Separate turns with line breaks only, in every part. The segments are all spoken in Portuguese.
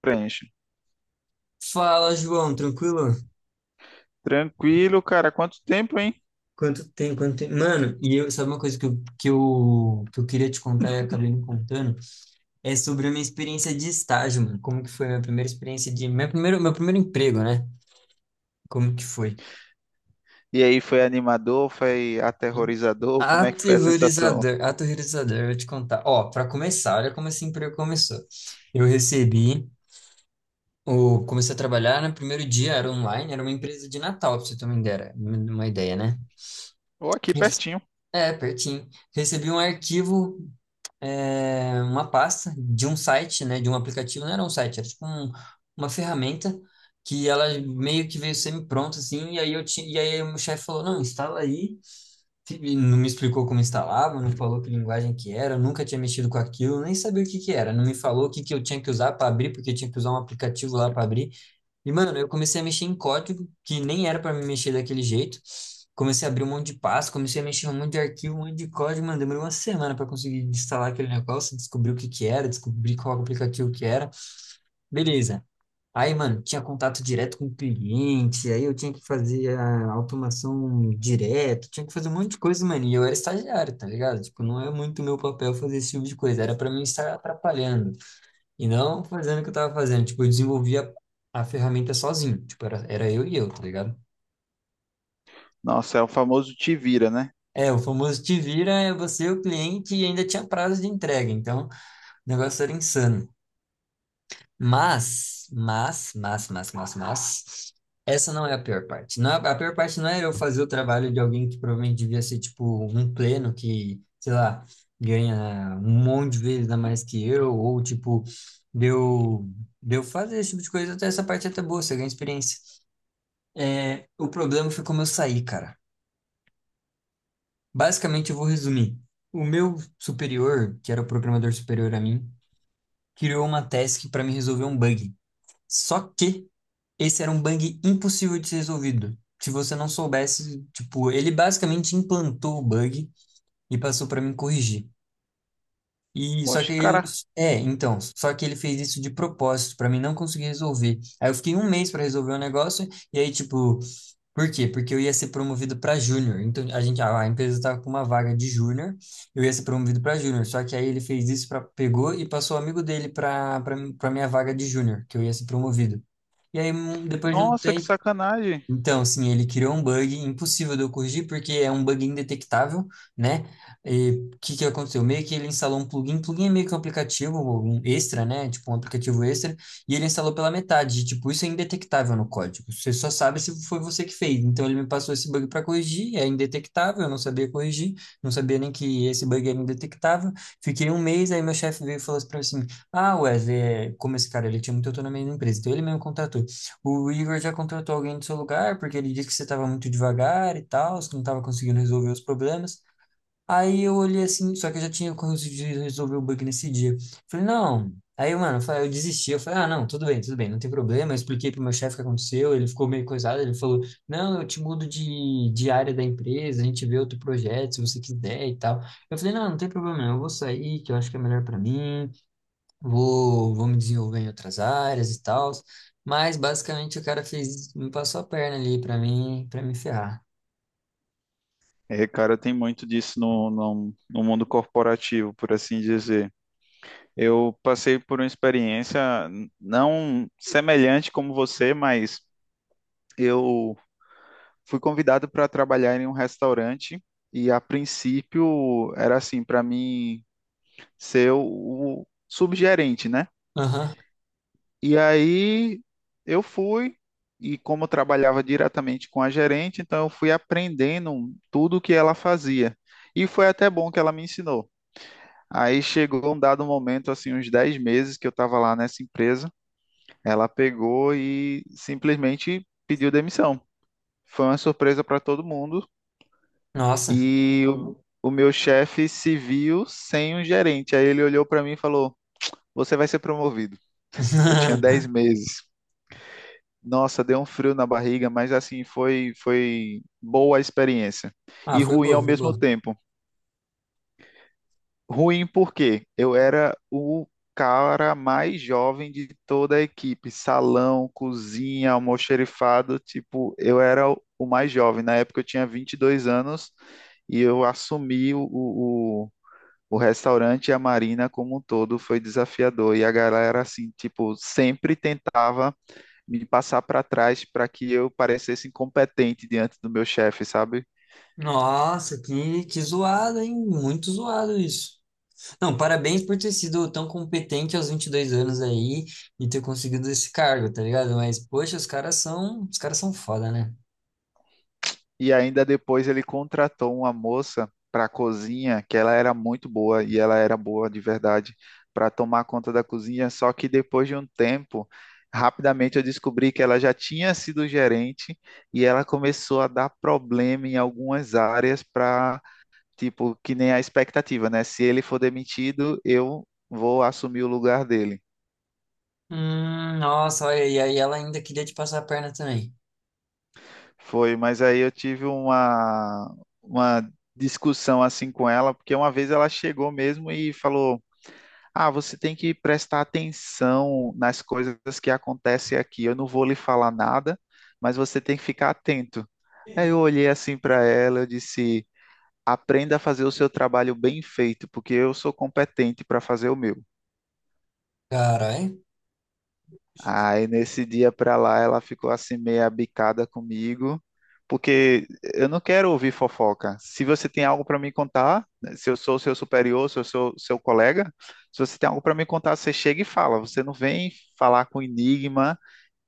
Preenche.
Fala, João, tranquilo?
Tranquilo, cara, quanto tempo, hein?
Quanto tempo, quanto tempo? Mano, e eu, sabe uma coisa que eu queria te contar e acabei não contando? É sobre a minha experiência de estágio, mano. Como que foi a minha primeira experiência. Meu primeiro emprego, né? Como que foi?
E aí, foi animador, foi aterrorizador? Como é que foi a sensação?
Aterrorizador, aterrorizador, eu vou te contar. Ó, pra começar, olha como esse emprego começou. Eu recebi, Comecei a trabalhar no primeiro dia, era online, era uma empresa de Natal, pra você ter uma ideia, né?
Ou aqui
Rece-
pertinho.
É, pertinho. Recebi um arquivo, uma pasta de um site, né, de um aplicativo, não era um site, era tipo uma ferramenta que ela meio que veio semi-pronta, assim, e aí eu tinha, e aí o meu chefe falou, não, instala aí, e não me explicou como instalava, não falou que linguagem que era, eu nunca tinha mexido com aquilo, nem sabia o que que era, não me falou o que que eu tinha que usar para abrir, porque eu tinha que usar um aplicativo lá para abrir. E, mano, eu comecei a mexer em código, que nem era pra me mexer daquele jeito. Comecei a abrir um monte de pasta, comecei a mexer em um monte de arquivo, um monte de código, mano. Demorou uma semana pra conseguir instalar aquele negócio, descobrir o que que era, descobrir qual aplicativo que era. Beleza. Aí, mano, tinha contato direto com o cliente, aí eu tinha que fazer a automação direto, tinha que fazer um monte de coisa, mano. E eu era estagiário, tá ligado? Tipo, não é muito meu papel fazer esse tipo de coisa, era pra mim estar atrapalhando. E não fazendo o que eu tava fazendo. Tipo, eu desenvolvia a ferramenta sozinho. Tipo, era eu e eu, tá ligado?
Nossa, é o famoso te vira, né?
É, o famoso te vira, é você o cliente e ainda tinha prazo de entrega. Então, o negócio era insano. Mas, essa não é a pior parte. Não, a pior parte não é eu fazer o trabalho de alguém que provavelmente devia ser, tipo, um pleno que, sei lá, ganha um monte de vezes a mais que eu, ou, tipo, deu, deu fazer esse tipo de coisa. Até essa parte é até boa, você ganha experiência. É, o problema foi como eu saí, cara. Basicamente, eu vou resumir. O meu superior, que era o programador superior a mim, criou uma task para me resolver um bug. Só que esse era um bug impossível de ser resolvido. Se você não soubesse, tipo, ele basicamente implantou o bug e passou para mim corrigir. E só que
Poxa,
eu,
cara,
é, Então, só que ele fez isso de propósito para mim não conseguir resolver. Aí eu fiquei um mês para resolver o negócio e aí tipo. Por quê? Porque eu ia ser promovido para júnior. Então a empresa estava com uma vaga de júnior, eu ia ser promovido para júnior. Só que aí ele fez isso, para pegou e passou o amigo dele para minha vaga de júnior, que eu ia ser promovido. E aí depois de um
nossa, que
tempo,
sacanagem.
então, sim, ele criou um bug impossível de eu corrigir, porque é um bug indetectável, né? E o que que aconteceu? Meio que ele instalou um plugin, plugin é meio que um aplicativo, um extra, né? Tipo um aplicativo extra, e ele instalou pela metade. E, tipo, isso é indetectável no código. Você só sabe se foi você que fez. Então, ele me passou esse bug para corrigir, é indetectável, eu não sabia corrigir, não sabia nem que esse bug era indetectável. Fiquei um mês, aí meu chefe veio e falou assim pra mim assim: ah, Wesley, como esse cara ele tinha muita autonomia na empresa, então ele mesmo contratou. O Igor já contratou alguém do seu lugar, porque ele disse que você estava muito devagar e tal, que não estava conseguindo resolver os problemas. Aí eu olhei assim, só que eu já tinha conseguido resolver o bug nesse dia. Falei, não. Aí, mano, eu desisti. Eu falei, ah, não, tudo bem, não tem problema. Eu expliquei pro meu chefe o que aconteceu, ele ficou meio coisado. Ele falou, não, eu te mudo de área da empresa, a gente vê outro projeto, se você quiser e tal. Eu falei, não, não tem problema, eu vou sair, que eu acho que é melhor para mim, vou me desenvolver em outras áreas e tal, mas basicamente o cara fez, me passou a perna ali pra mim, para me ferrar.
É, cara, tem muito disso no mundo corporativo, por assim dizer. Eu passei por uma experiência não semelhante como você, mas eu fui convidado para trabalhar em um restaurante e a princípio era assim, para mim ser o subgerente, né?
Aham.
E aí eu fui, e como eu trabalhava diretamente com a gerente, então eu fui aprendendo tudo o que ela fazia. E foi até bom que ela me ensinou. Aí chegou um dado momento, assim, uns 10 meses que eu estava lá nessa empresa, ela pegou e simplesmente pediu demissão. Foi uma surpresa para todo mundo
Nossa.
e o meu chefe se viu sem um gerente. Aí ele olhou para mim e falou: Você vai ser promovido. Eu tinha 10 meses. Nossa, deu um frio na barriga, mas assim, foi boa a experiência.
Ah,
E
foi
ruim ao
boa, foi
mesmo
boa.
tempo. Ruim porque eu era o cara mais jovem de toda a equipe. Salão, cozinha, almoxerifado, tipo, eu era o mais jovem. Na época eu tinha 22 anos e eu assumi o restaurante e a marina como um todo. Foi desafiador. E a galera, assim, tipo, sempre tentava me passar para trás para que eu parecesse incompetente diante do meu chefe, sabe?
Nossa, que zoado, hein? Muito zoado isso. Não, parabéns por ter sido tão competente aos 22 anos aí e ter conseguido esse cargo, tá ligado? Mas, poxa, os caras são foda, né?
E ainda depois ele contratou uma moça para a cozinha, que ela era muito boa e ela era boa de verdade para tomar conta da cozinha, só que depois de um tempo, rapidamente eu descobri que ela já tinha sido gerente e ela começou a dar problema em algumas áreas para, tipo, que nem a expectativa, né? Se ele for demitido, eu vou assumir o lugar dele.
Nossa, olha, e aí ela ainda queria te passar a perna também.
Foi, mas aí eu tive uma discussão assim com ela, porque uma vez ela chegou mesmo e falou: Ah, você tem que prestar atenção nas coisas que acontecem aqui. Eu não vou lhe falar nada, mas você tem que ficar atento. Aí eu olhei assim para ela, eu disse: Aprenda a fazer o seu trabalho bem feito, porque eu sou competente para fazer o meu.
Caralho.
Aí nesse dia pra lá ela ficou assim meio abicada comigo, porque eu não quero ouvir fofoca. Se você tem algo pra me contar, né, se eu sou seu superior, se eu sou seu colega, se você tem algo pra me contar, você chega e fala. Você não vem falar com enigma,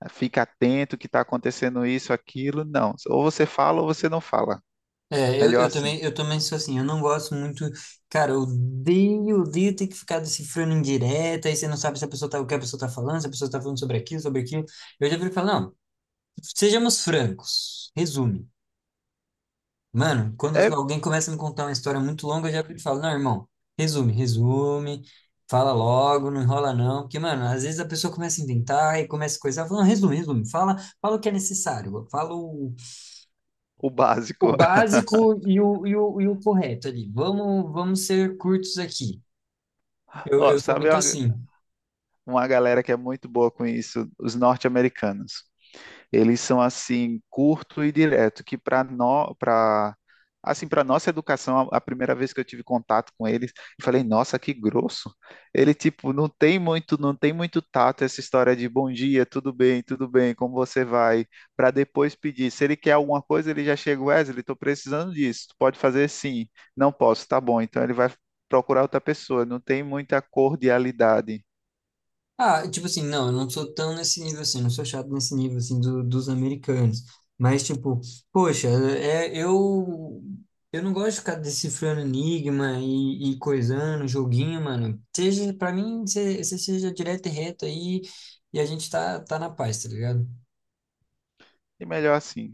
fica atento que tá acontecendo isso, aquilo, não. Ou você fala ou você não fala.
É, eu,
Melhor
eu
assim.
também, eu também sou assim, eu não gosto muito, cara, eu odeio, odeio ter que ficar decifrando em direta, aí você não sabe se a pessoa tá, o que a pessoa tá falando, se a pessoa tá falando sobre aquilo, sobre aquilo. Eu já prefiro falar, não, sejamos francos, resume. Mano, quando
É
alguém começa a me contar uma história muito longa, eu já prefiro falar, não, irmão, resume, resume, fala logo, não enrola não, porque, mano, às vezes a pessoa começa a inventar e começa a coisar, falando, resume, resume, fala, fala o que é necessário, fala o
o
o
básico.
básico e o correto ali. Vamos, vamos ser curtos aqui. Eu,
Ó,
eu sou
sabe
muito assim.
uma galera que é muito boa com isso? Os norte-americanos. Eles são assim curto e direto, que para nós, para assim para nossa educação, a primeira vez que eu tive contato com eles, eu falei, nossa, que grosso. Ele tipo não tem muito, não tem muito tato essa história de bom dia, tudo bem, como você vai, para depois pedir. Se ele quer alguma coisa, ele já chega, Wesley, estou precisando disso. Tu pode fazer sim. Não posso, tá bom. Então ele vai procurar outra pessoa, não tem muita cordialidade.
Ah, tipo assim, não, eu não sou tão nesse nível assim, não sou chato nesse nível assim dos americanos. Mas, tipo, poxa, eu não gosto de ficar decifrando enigma e coisando, joguinho, mano. Seja, pra mim, você seja direto e reto aí e a gente tá na paz, tá ligado?
E melhor assim,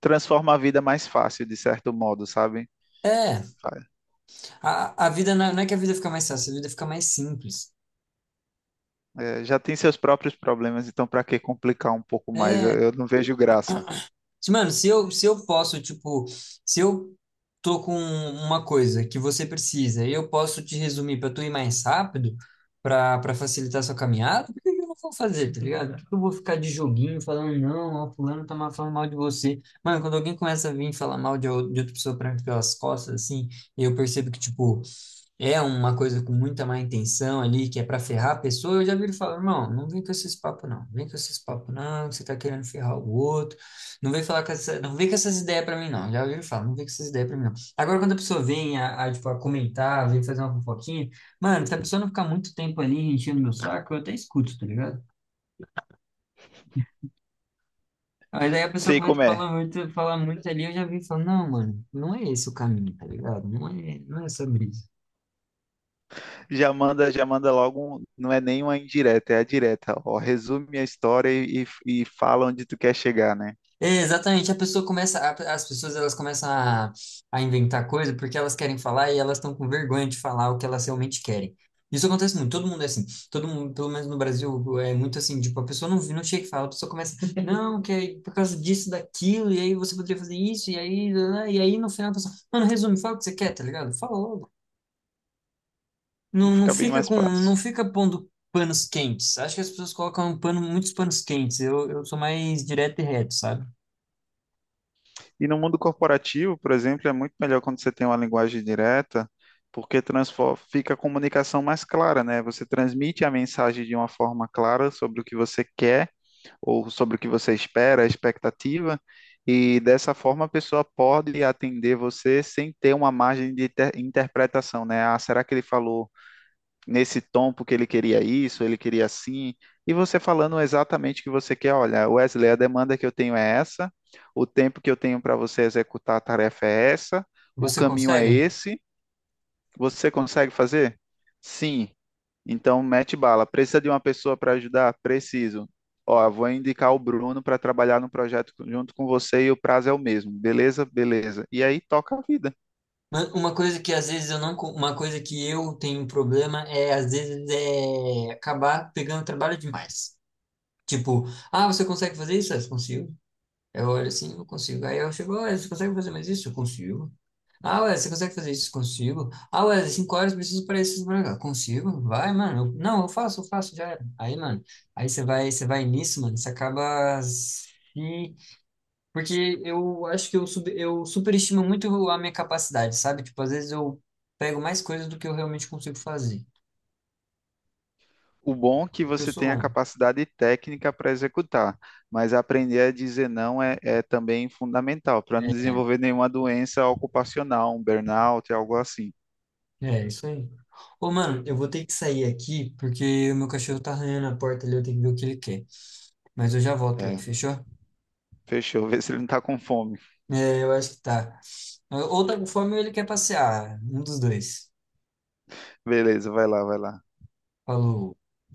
transforma a vida mais fácil, de certo modo, sabe?
É, a vida não é que a vida fica mais fácil, a vida fica mais simples.
É, já tem seus próprios problemas, então para que complicar um pouco mais?
É,
Eu não vejo graça.
Mano, se eu posso, tipo, se eu tô com uma coisa que você precisa e eu posso te resumir pra tu ir mais rápido, pra para facilitar sua caminhada, por que que eu não vou fazer, tá ligado? Por que que eu vou ficar de joguinho falando, não, ó, fulano falando mal de você. Mano, quando alguém começa a vir falar mal de outra pessoa pra mim pelas costas, assim, e eu percebo que, tipo, é uma coisa com muita má intenção ali, que é para ferrar a pessoa, eu já vi ele falar, irmão, não vem com esses papos não, vem com esses papos não, que você tá querendo ferrar o outro, não vem falar com essa, não vem com essas ideias para mim não, já ouvi ele falar, não vem com essas ideias para mim não. Agora, quando a pessoa vem tipo, a comentar, vem fazer uma fofoquinha, mano, se a pessoa não ficar muito tempo ali enchendo meu saco, eu até escuto, tá ligado? Aí daí a pessoa
Sei
começa
como
a
é.
falar muito ali, eu já vi e falo, não, mano, não é esse o caminho, tá ligado? Não é, não é sobre isso.
Já manda logo, não é nem uma indireta, é a direta. Ó, resume a história e fala onde tu quer chegar, né?
É, exatamente, a pessoa começa, as pessoas elas começam a inventar coisa porque elas querem falar e elas estão com vergonha de falar o que elas realmente querem. Isso acontece muito, todo mundo é assim, todo mundo, pelo menos no Brasil, é muito assim, tipo, a pessoa não chega e fala, a pessoa começa, não, que é por causa disso, daquilo, e aí você poderia fazer isso, e aí, né, e aí no final a pessoa, mano, resume, fala o que você quer, tá ligado? Fala logo.
E
Não, não
fica bem
fica
mais
com, não
fácil.
fica pondo panos quentes. Acho que as pessoas colocam pano, muitos panos quentes. Eu sou mais direto e reto, sabe?
E no mundo corporativo, por exemplo, é muito melhor quando você tem uma linguagem direta, porque fica a comunicação mais clara, né? Você transmite a mensagem de uma forma clara sobre o que você quer ou sobre o que você espera, a expectativa, e dessa forma a pessoa pode atender você sem ter uma margem de interpretação, né? Ah, será que ele falou nesse tom porque ele queria isso, ele queria assim? E você falando exatamente o que você quer, olha, Wesley, a demanda que eu tenho é essa, o tempo que eu tenho para você executar a tarefa é essa, o
Você
caminho é
consegue?
esse, você consegue fazer? Sim. Então, mete bala. Precisa de uma pessoa para ajudar? Preciso. Ó, vou indicar o Bruno para trabalhar no projeto junto com você e o prazo é o mesmo. Beleza? Beleza. E aí toca a vida.
Mas uma coisa que às vezes eu não, uma coisa que eu tenho um problema é às vezes é acabar pegando trabalho demais. Tipo, ah, você consegue fazer isso? Ah, eu consigo. Eu olho assim, eu consigo. Aí eu chego, olha, você consegue fazer mais isso? Eu consigo. Ah, ué, você consegue fazer isso? Consigo. Ah, ué, 5 horas eu preciso para isso, pra cá. Consigo. Vai, mano. Não, eu faço, já era. Aí, mano, aí você vai nisso, mano, você acaba se, porque eu acho que eu superestimo muito a minha capacidade, sabe? Tipo, às vezes eu pego mais coisas do que eu realmente consigo fazer.
O bom é que
Porque eu
você
sou
tem a
bom.
capacidade técnica para executar, mas aprender a dizer não é também fundamental para não desenvolver nenhuma doença ocupacional, um burnout, algo assim.
É, isso aí. Ô, mano, eu vou ter que sair aqui porque o meu cachorro tá arranhando a porta ali, eu tenho que ver o que ele quer. Mas eu já volto aí,
É,
fechou?
fechou. Vê se ele não está com fome.
É, eu acho que tá. Ou tá com fome ou ele quer passear. Um dos dois.
Beleza, vai lá, vai lá.
Falou.